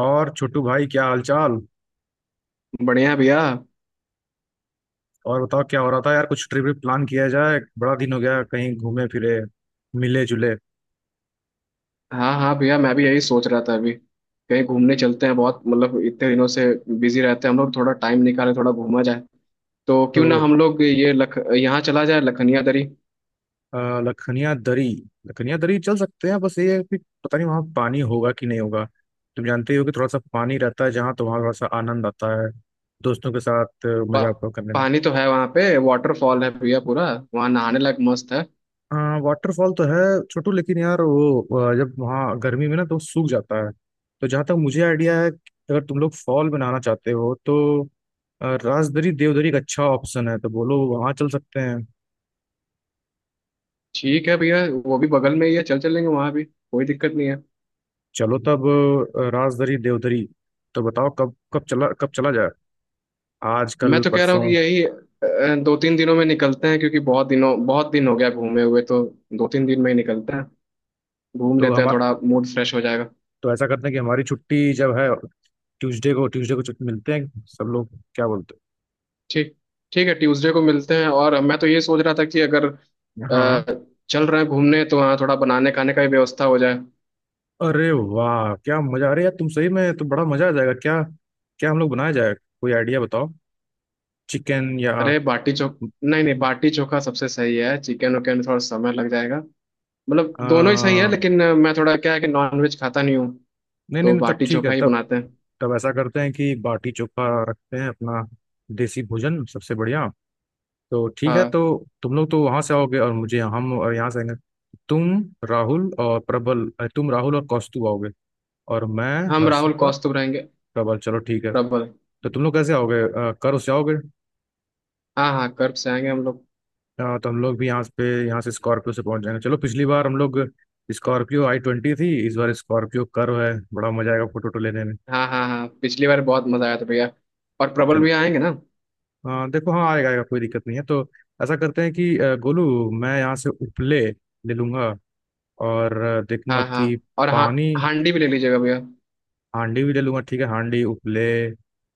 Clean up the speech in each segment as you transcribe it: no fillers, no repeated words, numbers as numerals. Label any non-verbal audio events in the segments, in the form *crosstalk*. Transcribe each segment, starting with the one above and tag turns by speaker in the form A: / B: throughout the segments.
A: और छोटू भाई क्या हालचाल?
B: बढ़िया है भैया।
A: और बताओ क्या हो रहा था यार, कुछ ट्रिप व्रिप प्लान किया जाए। बड़ा दिन हो गया कहीं घूमे फिरे मिले जुले।
B: हाँ हाँ भैया, मैं भी यही सोच रहा था अभी। कहीं घूमने चलते हैं, बहुत मतलब इतने दिनों से बिजी रहते हैं हम लोग। थोड़ा टाइम निकाले, थोड़ा घूमा जाए। तो
A: तो
B: क्यों ना हम लोग ये लख यहाँ चला जाए लखनिया दरी।
A: लखनिया दरी। लखनिया दरी चल सकते हैं, बस ये है कि पता नहीं वहाँ पानी होगा कि नहीं होगा। तुम जानते ही हो कि थोड़ा सा पानी रहता है जहाँ तो वहाँ थोड़ा सा आनंद आता है दोस्तों के साथ
B: पा,
A: मजा आपको करने में।
B: पानी तो है वहाँ पे, वाटरफॉल है भैया, पूरा वहाँ नहाने लायक मस्त है।
A: हाँ, वाटरफॉल तो है छोटू, लेकिन यार वो जब वहाँ गर्मी में ना तो सूख जाता है। तो जहाँ तक मुझे आइडिया है, अगर तुम लोग फॉल बनाना चाहते हो तो राजदरी देवदरी एक अच्छा ऑप्शन है, तो बोलो वहाँ चल सकते हैं।
B: ठीक है भैया, वो भी बगल में ही है, चल चलेंगे, वहाँ भी कोई दिक्कत नहीं है।
A: चलो तब, राजदरी देवदरी। तो बताओ कब कब चला जाए? आज,
B: मैं
A: कल,
B: तो कह रहा हूँ
A: परसों?
B: कि यही 2-3 दिनों में निकलते हैं क्योंकि बहुत दिन हो गया घूमे हुए। तो 2-3 दिन में ही निकलते हैं, घूम
A: तो
B: लेते हैं,
A: हम
B: थोड़ा मूड फ्रेश हो जाएगा।
A: तो ऐसा करते हैं कि हमारी छुट्टी जब है, ट्यूसडे को छुट्टी मिलते हैं सब लोग, क्या बोलते
B: ठीक, ठीक है, ट्यूसडे को मिलते हैं। और मैं तो ये सोच रहा था कि अगर
A: हैं? हाँ,
B: चल रहे हैं घूमने तो वहाँ थोड़ा बनाने खाने का भी व्यवस्था हो जाए।
A: अरे वाह क्या मजा आ रहा है यार, तुम सही में तो बड़ा मजा आ जाएगा। क्या, क्या हम लोग बनाया जाए? कोई आइडिया बताओ, चिकन या?
B: अरे बाटी चोख नहीं नहीं, बाटी चोखा सबसे सही है, चिकन उकन में थोड़ा समय लग जाएगा। मतलब दोनों ही सही है,
A: नहीं
B: लेकिन मैं थोड़ा, क्या है कि नॉनवेज खाता नहीं हूँ,
A: नहीं
B: तो
A: नहीं, तब
B: बाटी
A: ठीक है
B: चोखा ही
A: तब।
B: बनाते हैं।
A: तब ऐसा करते हैं कि बाटी चोखा रखते हैं अपना, देसी भोजन सबसे बढ़िया। तो ठीक है
B: हाँ,
A: तो। तुम लोग तो वहां से आओगे और मुझे, हम और यहाँ से आएंगे। तुम राहुल और प्रबल, तुम राहुल और कौस्तु आओगे, और मैं,
B: हम राहुल
A: हर्षित और
B: कौस्तुभ रहेंगे।
A: प्रबल। चलो ठीक है।
B: प्रबल।
A: तो तुम लोग कैसे आओगे, कर से आओगे?
B: हाँ हाँ, कर्ब से आएंगे हम लोग।
A: हाँ, तो हम लोग भी यहाँ पे, यहाँ से स्कॉर्पियो से पहुंच जाएंगे। चलो, पिछली बार हम लोग स्कॉर्पियो i20 थी, इस बार स्कॉर्पियो कर्व है, बड़ा मजा आएगा फोटो वोटो लेने में।
B: हाँ हाँ हाँ, पिछली बार बहुत मजा आया था भैया। और प्रबल
A: चलो
B: भी आएंगे ना।
A: हाँ, देखो, हाँ आएगा आएगा कोई दिक्कत नहीं है। तो ऐसा करते हैं कि गोलू, मैं यहाँ से उपले ले लूंगा और देखूंगा
B: हाँ हाँ।
A: कि
B: और हाँ,
A: पानी,
B: हांडी भी ले लीजिएगा भैया।
A: हांडी भी ले लूंगा, ठीक है, हांडी, उपले,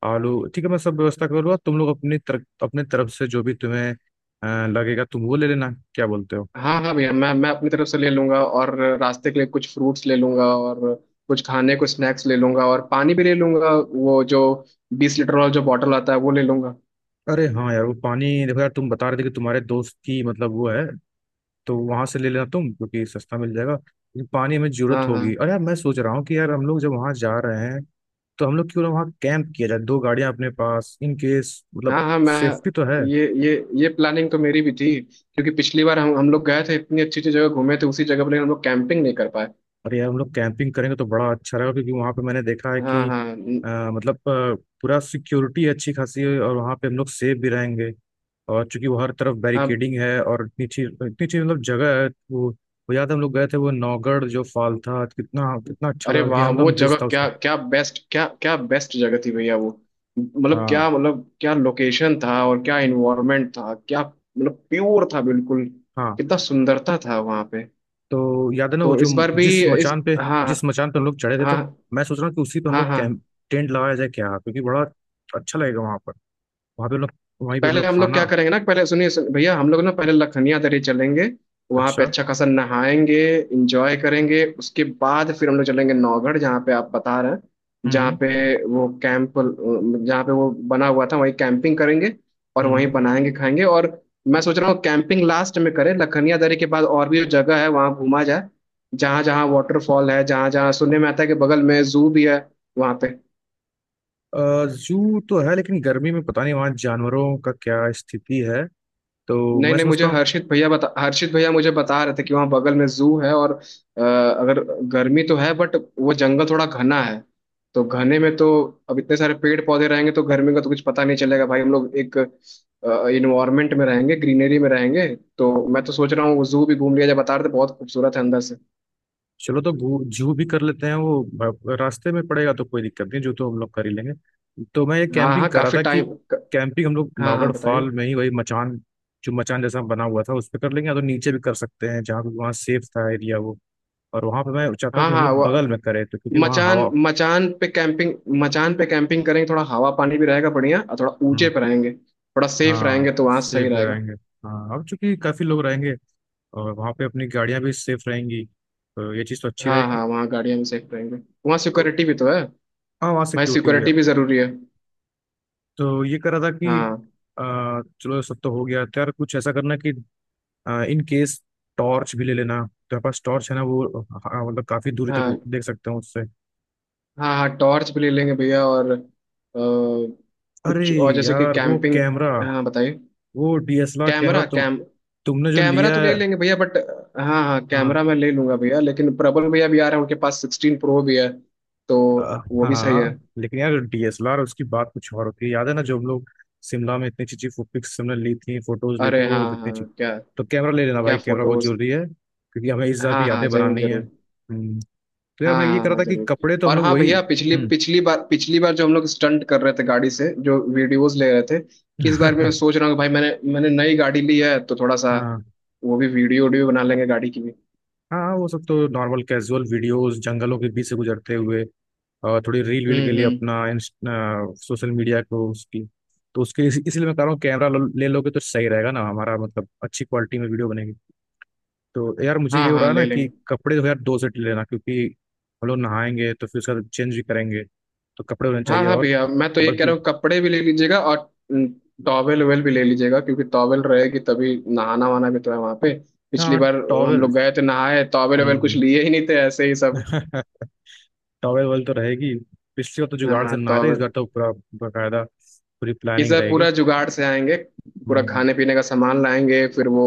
A: आलू, ठीक है, मैं सब व्यवस्था कर लूंगा। तुम लोग अपनी तरफ, अपने तरफ से जो भी तुम्हें लगेगा तुम वो ले लेना, क्या बोलते हो?
B: हाँ हाँ भैया, मैं अपनी तरफ से ले लूंगा, और रास्ते के लिए कुछ फ्रूट्स ले लूंगा, और कुछ खाने को स्नैक्स ले लूंगा, और पानी भी ले लूंगा। वो जो 20 लीटर वाला जो बॉटल आता है वो ले लूंगा।
A: अरे हाँ यार, वो पानी, देखो यार तुम बता रहे थे कि तुम्हारे दोस्त की, मतलब वो है, तो वहां से ले लेना तुम क्योंकि सस्ता मिल जाएगा, लेकिन पानी हमें जरूरत
B: हाँ हाँ
A: होगी। और यार मैं सोच रहा हूँ कि यार हम लोग जब वहां जा रहे हैं तो हम लोग क्यों ना वहाँ कैंप किया जाए, दो गाड़ियां अपने पास, इन केस, मतलब
B: हाँ हाँ। मैं
A: सेफ्टी तो है।
B: ये ये ये प्लानिंग तो मेरी भी थी क्योंकि पिछली बार हम लोग गए थे, इतनी अच्छी अच्छी जगह घूमे थे उसी जगह पर, लेकिन हम लोग कैंपिंग नहीं कर पाए।
A: और यार हम लोग कैंपिंग करेंगे तो बड़ा अच्छा रहेगा, क्योंकि वहाँ पे मैंने देखा है
B: हाँ
A: कि
B: हाँ
A: अ, मतलब अ, पूरा सिक्योरिटी अच्छी खासी है और वहाँ पे हम लोग सेफ भी रहेंगे। और चूंकि वो हर तरफ
B: हाँ।
A: बैरिकेडिंग है, और इतनी अच्छी मतलब जगह है वो याद है हम लोग गए थे, वो नौगढ़ जो फॉल था, कितना कितना अच्छा
B: अरे
A: लगा,
B: वाह, वो
A: विहंगम दृश्य
B: जगह
A: था उसका।
B: क्या क्या बेस्ट, क्या क्या बेस्ट जगह थी भैया वो। मतलब
A: हाँ
B: क्या, मतलब क्या लोकेशन था, और क्या इन्वायरमेंट था, क्या मतलब प्योर था बिल्कुल।
A: हाँ।
B: कितना सुंदरता था वहां पे।
A: तो याद है ना वो
B: तो
A: जो,
B: इस बार भी।
A: जिस
B: इस
A: मचान पे
B: हाँ
A: जिस मचान पे हम लोग चढ़े
B: हाँ
A: थे, तो मैं सोच रहा हूँ कि उसी पे हम
B: हाँ हाँ
A: लोग कैंप,
B: हाँ।
A: टेंट लगाया जाए क्या? क्योंकि बड़ा अच्छा लगेगा वहां पर, वहां पे हम लोग, वहीं पे हम
B: पहले
A: लोग
B: हम लोग क्या
A: खाना,
B: करेंगे ना, पहले सुनिए भैया हम लोग ना पहले लखनिया दर्रे चलेंगे, वहां पे
A: अच्छा।
B: अच्छा खासा नहाएंगे, इंजॉय करेंगे, उसके बाद फिर हम लोग चलेंगे नौगढ़ जहाँ पे आप बता रहे हैं, जहाँ
A: हम्म।
B: पे वो कैंप, जहाँ पे वो बना हुआ था वहीं कैंपिंग करेंगे, और वहीं
A: हम्म।
B: बनाएंगे खाएंगे। और मैं सोच रहा हूँ कैंपिंग लास्ट में करें, लखनिया दर्रे के बाद और भी जो जगह है वहाँ घूमा जाए, जहाँ जहाँ वाटरफॉल है, जहाँ जहाँ सुनने में आता है कि बगल में जू भी है वहाँ पे।
A: जू तो है लेकिन गर्मी में पता नहीं वहाँ जानवरों का क्या स्थिति है, तो
B: नहीं
A: मैं
B: नहीं,
A: समझता
B: मुझे
A: हूँ।
B: हर्षित भैया बता हर्षित भैया मुझे बता रहे थे कि वहाँ बगल में जू है, और अगर गर्मी तो है बट वो जंगल थोड़ा घना है, तो घने में तो अब इतने सारे पेड़ पौधे रहेंगे तो गर्मी का तो कुछ पता नहीं चलेगा भाई, हम लोग एक इन्वायरमेंट में रहेंगे, ग्रीनरी में रहेंगे। तो मैं तो सोच रहा हूँ वो जू भी घूम लिया जाए, बता रहे थे बहुत खूबसूरत है अंदर से।
A: चलो तो जू भी कर लेते हैं, वो रास्ते में पड़ेगा तो कोई दिक्कत नहीं, जो तो हम लोग कर ही लेंगे। तो मैं ये
B: हाँ
A: कैंपिंग
B: हाँ,
A: कर रहा
B: काफी
A: था कि
B: टाइम।
A: कैंपिंग हम लोग
B: हाँ हाँ
A: नौगढ़
B: बताइए।
A: फॉल में ही, वही मचान जो मचान जैसा बना हुआ था उस पर कर लेंगे, या तो नीचे भी कर सकते हैं जहाँ वहाँ सेफ था एरिया वो। और वहाँ पे मैं चाहता हूँ
B: हाँ
A: कि हम
B: हाँ,
A: लोग
B: वो
A: बगल में करें तो, क्योंकि वहाँ हवा,
B: मचान, मचान पे कैंपिंग करेंगे, थोड़ा हवा पानी भी रहेगा बढ़िया, और थोड़ा ऊंचे पे रहेंगे, थोड़ा सेफ रहेंगे,
A: हाँ
B: तो वहां सही
A: सेफ भी
B: रहेगा।
A: रहेंगे। हाँ, अब चूंकि काफी लोग रहेंगे और वहाँ पे अपनी गाड़ियाँ भी सेफ रहेंगी, तो ये चीज़ तो अच्छी
B: हाँ
A: रहेगी।
B: हाँ, वहाँ गाड़ियाँ भी सेफ रहेंगे, वहाँ
A: तो
B: सिक्योरिटी भी तो है,
A: हाँ, वहाँ
B: भाई
A: सिक्योरिटी भी है।
B: सिक्योरिटी भी जरूरी है।
A: तो ये कह रहा था कि
B: हाँ
A: चलो, सब तो हो गया, तो यार कुछ ऐसा करना कि इन केस टॉर्च भी ले लेना, तो पास टॉर्च है ना वो, हाँ, मतलब काफी दूरी तक वो
B: हाँ
A: देख सकते हैं उससे।
B: हाँ हाँ, टॉर्च भी ले लेंगे भैया और
A: अरे
B: कुछ और जैसे कि
A: यार वो
B: कैंपिंग।
A: कैमरा,
B: हाँ बताइए।
A: वो डीएसएलआर कैमरा
B: कैमरा
A: तुम,
B: कैम
A: तुमने जो
B: कैमरा
A: लिया
B: तो ले
A: है,
B: लेंगे भैया बट। हाँ हाँ,
A: हाँ।
B: कैमरा मैं ले लूंगा भैया, लेकिन प्रबल भैया भी आ रहे हैं, उनके पास 16 प्रो भी है। तो वो भी सही है।
A: हाँ, लेकिन यार डीएसएलआर उसकी बात कुछ और होती है, याद है ना जो हम लोग शिमला में इतनी अच्छी अच्छी पिक्स हमने ली थी, फोटोज ली थी,
B: अरे
A: वो
B: हाँ
A: कितनी
B: हाँ,
A: अच्छी।
B: क्या,
A: तो कैमरा ले लेना
B: क्या
A: भाई, कैमरा बहुत
B: फोटोज।
A: जरूरी है, क्योंकि हमें इस बार भी
B: हाँ हाँ
A: यादें
B: जरूर
A: बनानी है।
B: जरूर।
A: हम्म। तो यार
B: हाँ
A: मैं ये
B: हाँ
A: कह रहा
B: हाँ
A: था कि
B: जरूर।
A: कपड़े तो हम
B: और
A: लोग
B: हाँ
A: वही,
B: भैया, पिछली
A: हम्म।
B: पिछली बार जो हम लोग स्टंट कर रहे थे, गाड़ी से जो वीडियोस ले रहे थे, इस बार मैं
A: *laughs*
B: सोच रहा हूँ कि भाई मैंने मैंने नई गाड़ी ली है, तो थोड़ा सा
A: हाँ,
B: वो भी वीडियो वीडियो बना लेंगे गाड़ी की भी।
A: हाँ वो सब तो नॉर्मल कैजुअल वीडियोस जंगलों के बीच से गुजरते हुए, और थोड़ी रील वील के लिए
B: हम्म।
A: अपना सोशल मीडिया को उसकी, तो उसके इसलिए मैं कह रहा हूँ कैमरा ले लोगे तो सही रहेगा ना हमारा, मतलब अच्छी क्वालिटी में वीडियो। तो यार मुझे ये
B: हाँ
A: हो रहा
B: हाँ
A: है ना
B: ले
A: कि
B: लेंगे।
A: कपड़े जो है यार, दो सेट लेना, क्योंकि हम लोग नहाएंगे तो फिर उसका चेंज भी करेंगे, तो कपड़े होने
B: हाँ
A: चाहिए।
B: हाँ
A: और
B: भैया, मैं तो ये कह
A: बल्कि,
B: रहा हूँ कपड़े भी ले लीजिएगा, और टॉवेल वेल भी ले लीजिएगा क्योंकि टॉवेल रहेगी तभी नहाना वहाना भी तो है वहाँ पे। पिछली
A: हाँ
B: बार हम
A: टॉवेल।
B: लोग गए थे नहाए, टॉवेल वेल कुछ लिए ही नहीं थे, ऐसे ही सब।
A: *laughs* टॉवेल वेल तो रहेगी। पिछली बार तो जुगाड़ से
B: हाँ तो
A: नहाए थे, इस बार तो पूरा बाकायदा पूरी
B: इस
A: प्लानिंग
B: बार
A: रहेगी।
B: पूरा जुगाड़ से आएंगे, पूरा
A: हम्म।
B: खाने पीने का सामान लाएंगे, फिर वो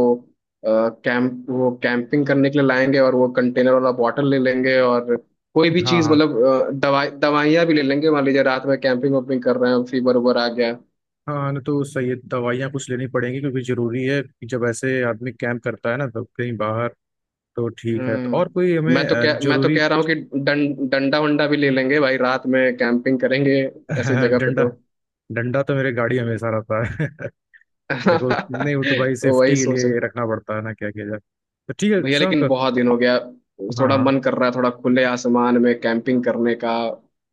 B: कैंप, वो कैंपिंग करने के लिए लाएंगे, और वो कंटेनर वाला बॉटल ले लेंगे, और कोई भी
A: हाँ
B: चीज
A: हाँ
B: मतलब दवाई दवाइयाँ भी ले लेंगे, मान लीजिए रात में कैंपिंग वैम्पिंग कर रहे हैं, फीवर उबर आ गया।
A: हाँ ना, तो सही है, दवाइयाँ कुछ लेनी पड़ेंगी क्योंकि जरूरी है कि जब ऐसे आदमी कैंप करता है ना तो कहीं बाहर। तो ठीक है तो और कोई
B: हम्म,
A: हमें
B: मैं तो
A: जरूरी।
B: कह रहा हूँ कि डंडा वंडा भी ले लेंगे भाई, रात में कैंपिंग करेंगे ऐसी
A: *laughs*
B: जगह पे
A: डंडा,
B: तो।
A: डंडा तो मेरे गाड़ी में हमेशा रहता है। *laughs* देखो, नहीं वो तो
B: *laughs*
A: भाई
B: वही
A: सेफ्टी के
B: सोच।
A: लिए रखना पड़ता है ना, क्या किया जाए। तो ठीक है
B: भैया
A: शिवांक।
B: लेकिन बहुत दिन हो गया,
A: हाँ
B: थोड़ा
A: हाँ
B: मन कर रहा है, थोड़ा खुले आसमान में कैंपिंग करने का,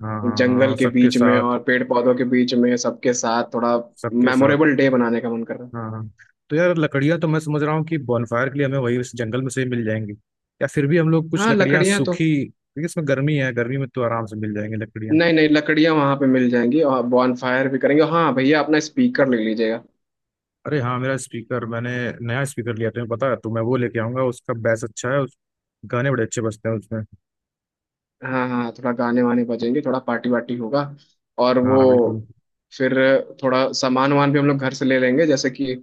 A: हाँ। हाँ हाँ
B: जंगल के
A: सबके
B: बीच में
A: साथ।
B: और पेड़ पौधों के बीच में सबके साथ, थोड़ा
A: सबके साथ।
B: मेमोरेबल डे बनाने का मन कर रहा
A: हाँ हाँ। तो यार लकड़ियाँ तो मैं समझ रहा हूँ कि बॉनफायर के लिए हमें वही उस जंगल में से ही मिल जाएंगी, या फिर भी हम लोग
B: है।
A: कुछ
B: हाँ,
A: लकड़ियाँ
B: लकड़ियाँ तो,
A: सूखी, क्योंकि इसमें गर्मी है, गर्मी में तो आराम से मिल जाएंगी लकड़ियाँ।
B: नहीं नहीं, लकड़ियाँ वहाँ पे मिल जाएंगी, और बॉन फायर भी करेंगे। हाँ भैया, अपना स्पीकर ले लीजिएगा।
A: अरे हाँ मेरा स्पीकर, मैंने नया स्पीकर लिया तुम्हें पता है, तो मैं वो लेके आऊंगा, उसका बेस अच्छा है उस, गाने बड़े अच्छे बजते हैं उसमें।
B: हाँ हाँ, थोड़ा गाने वाने बजेंगे, थोड़ा पार्टी वार्टी होगा। और वो
A: हाँ बिल्कुल।
B: फिर थोड़ा सामान वान भी हम लोग घर से ले लेंगे, जैसे कि,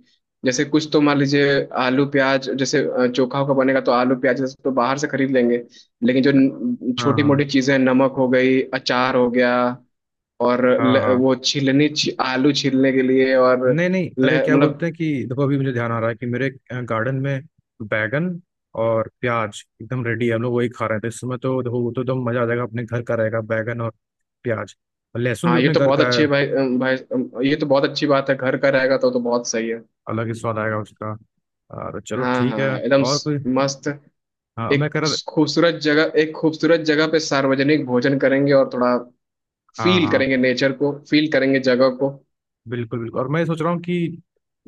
B: जैसे कुछ तो मान लीजिए आलू प्याज, जैसे चोखा का बनेगा तो आलू प्याज जैसे तो बाहर से खरीद लेंगे, लेकिन जो
A: हाँ
B: छोटी मोटी
A: हाँ
B: चीजें हैं, नमक हो गई, अचार हो गया, और
A: हाँ हाँ।
B: वो छीलनी आलू छीलने के लिए, और
A: नहीं नहीं अरे, क्या बोलते
B: मतलब।
A: हैं कि देखो अभी मुझे ध्यान आ रहा है कि मेरे गार्डन में बैगन और प्याज एकदम रेडी है, हम लोग वही खा रहे थे इस समय, तो देखो वो तो एकदम मजा आ जाएगा, अपने घर का रहेगा बैगन और प्याज, और लहसुन भी
B: हाँ ये
A: अपने
B: तो
A: घर
B: बहुत
A: का
B: अच्छी
A: है,
B: है भाई, ये तो बहुत अच्छी बात है, घर का रहेगा तो बहुत सही है।
A: अलग ही स्वाद आएगा उसका। और चलो
B: हाँ हाँ
A: ठीक है।
B: हाँ, एकदम
A: और कोई,
B: मस्त।
A: हाँ मैं
B: एक
A: कह रहा था,
B: खूबसूरत जगह पे सार्वजनिक भोजन करेंगे, और थोड़ा
A: हाँ
B: फील
A: हाँ
B: करेंगे, नेचर को फील करेंगे, जगह को।
A: बिल्कुल बिल्कुल। और मैं सोच रहा हूँ कि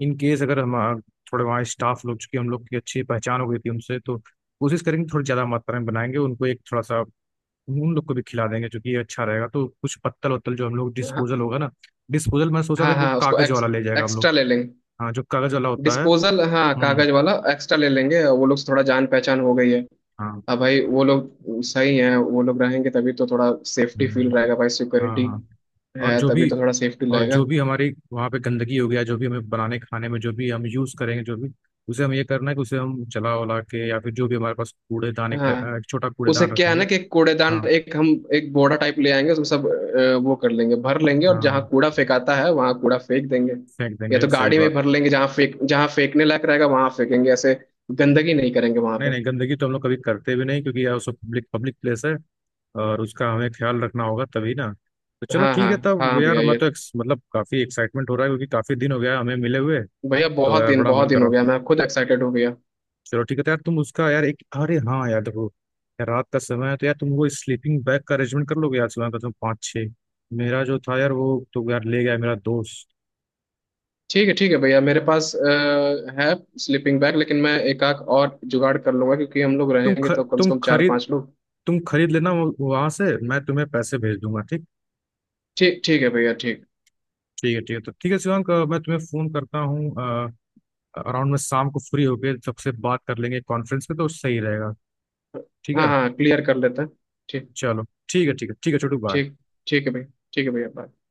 A: इन केस अगर हम थोड़े वहाँ स्टाफ लोग, चूंकि हम लोग की अच्छी पहचान हो गई थी उनसे, तो कोशिश करेंगे थोड़ी ज़्यादा मात्रा में बनाएंगे, उनको एक थोड़ा सा उन लोग को भी खिला देंगे क्योंकि ये अच्छा रहेगा, तो कुछ पत्तल वत्तल जो हम लोग,
B: हाँ
A: डिस्पोजल होगा ना, डिस्पोजल मैं सोचा था
B: हाँ
A: कि वो
B: हाँ, उसको
A: कागज वाला ले जाएगा हम लोग,
B: एक्स्ट्रा ले लेंगे।
A: हाँ जो कागज वाला होता है।
B: डिस्पोजल हाँ,
A: हम्म।
B: कागज वाला एक्स्ट्रा ले लेंगे, और वो लोग से थोड़ा जान पहचान हो गई है।
A: हाँ।
B: अब भाई वो लोग सही हैं, वो लोग रहेंगे तभी तो थोड़ा सेफ्टी फील
A: हम्म,
B: रहेगा, भाई
A: हाँ
B: सिक्योरिटी
A: हाँ। और
B: है
A: जो
B: तभी
A: भी
B: तो थोड़ा सेफ्टी
A: और जो
B: रहेगा।
A: भी हमारी वहाँ पे गंदगी हो गया, जो भी हमें बनाने खाने में जो भी हम यूज़ करेंगे जो भी, उसे हम ये करना है कि उसे हम जला वला के, या फिर जो भी हमारे पास कूड़ेदान,
B: हाँ,
A: एक छोटा
B: उसे
A: कूड़ेदान
B: क्या है
A: रखेंगे।
B: ना कि एक कूड़ेदान,
A: हाँ
B: एक बोरा टाइप ले आएंगे, उसमें सब वो कर लेंगे, भर लेंगे, और जहाँ
A: हाँ,
B: कूड़ा फेंकाता है वहां कूड़ा फेंक देंगे,
A: फेंक
B: या
A: देंगे,
B: तो
A: सही
B: गाड़ी में
A: बात।
B: भर लेंगे, जहाँ फेंकने लायक रहेगा वहां फेंकेंगे, ऐसे गंदगी नहीं करेंगे वहां
A: नहीं
B: पे।
A: नहीं, गंदगी तो हम लोग कभी करते भी नहीं, क्योंकि यार सब पब्लिक पब्लिक प्लेस है, और उसका हमें ख्याल रखना होगा तभी ना। तो चलो
B: हाँ
A: ठीक
B: हाँ
A: है तब
B: हाँ
A: यार,
B: भैया
A: मैं
B: ये,
A: तो मतलब काफी एक्साइटमेंट हो रहा है क्योंकि काफी दिन हो गया हमें मिले हुए।
B: भैया
A: तो यार बड़ा मन
B: बहुत
A: कर
B: दिन
A: रहा
B: हो
A: हूँ।
B: गया, मैं खुद एक्साइटेड हो गया।
A: चलो ठीक है, तो यार तुम उसका यार एक, अरे हाँ यार देखो, यार रात का समय है तो यार तुम वो स्लीपिंग बैग का अरेंजमेंट कर लोगे यार, सुबह का तुम 5-6, मेरा जो था यार वो तो यार ले गया मेरा दोस्त।
B: ठीक है भैया, मेरे पास है स्लीपिंग बैग, लेकिन मैं एक आध और जुगाड़ कर लूंगा क्योंकि हम लोग
A: तुम
B: रहेंगे
A: ख,
B: तो कम
A: तुम
B: से कम चार
A: खरीद
B: पांच लोग।
A: तुम खरीद लेना वहाँ से, मैं तुम्हें पैसे भेज दूंगा, ठीक।
B: ठीक, ठीक है भैया, ठीक।
A: ठीक है ठीक है, तो ठीक है शिवांक, मैं तुम्हें फोन करता हूँ अराउंड में शाम को, फ्री होके सबसे बात कर लेंगे, कॉन्फ्रेंस पे तो सही रहेगा। ठीक
B: हाँ
A: है।
B: हाँ क्लियर कर लेते हैं। ठीक।
A: चलो। ठीक है ठीक है ठीक है छोटू बाय।
B: ठीक, ठीक है भाई। ठीक है भैया bye।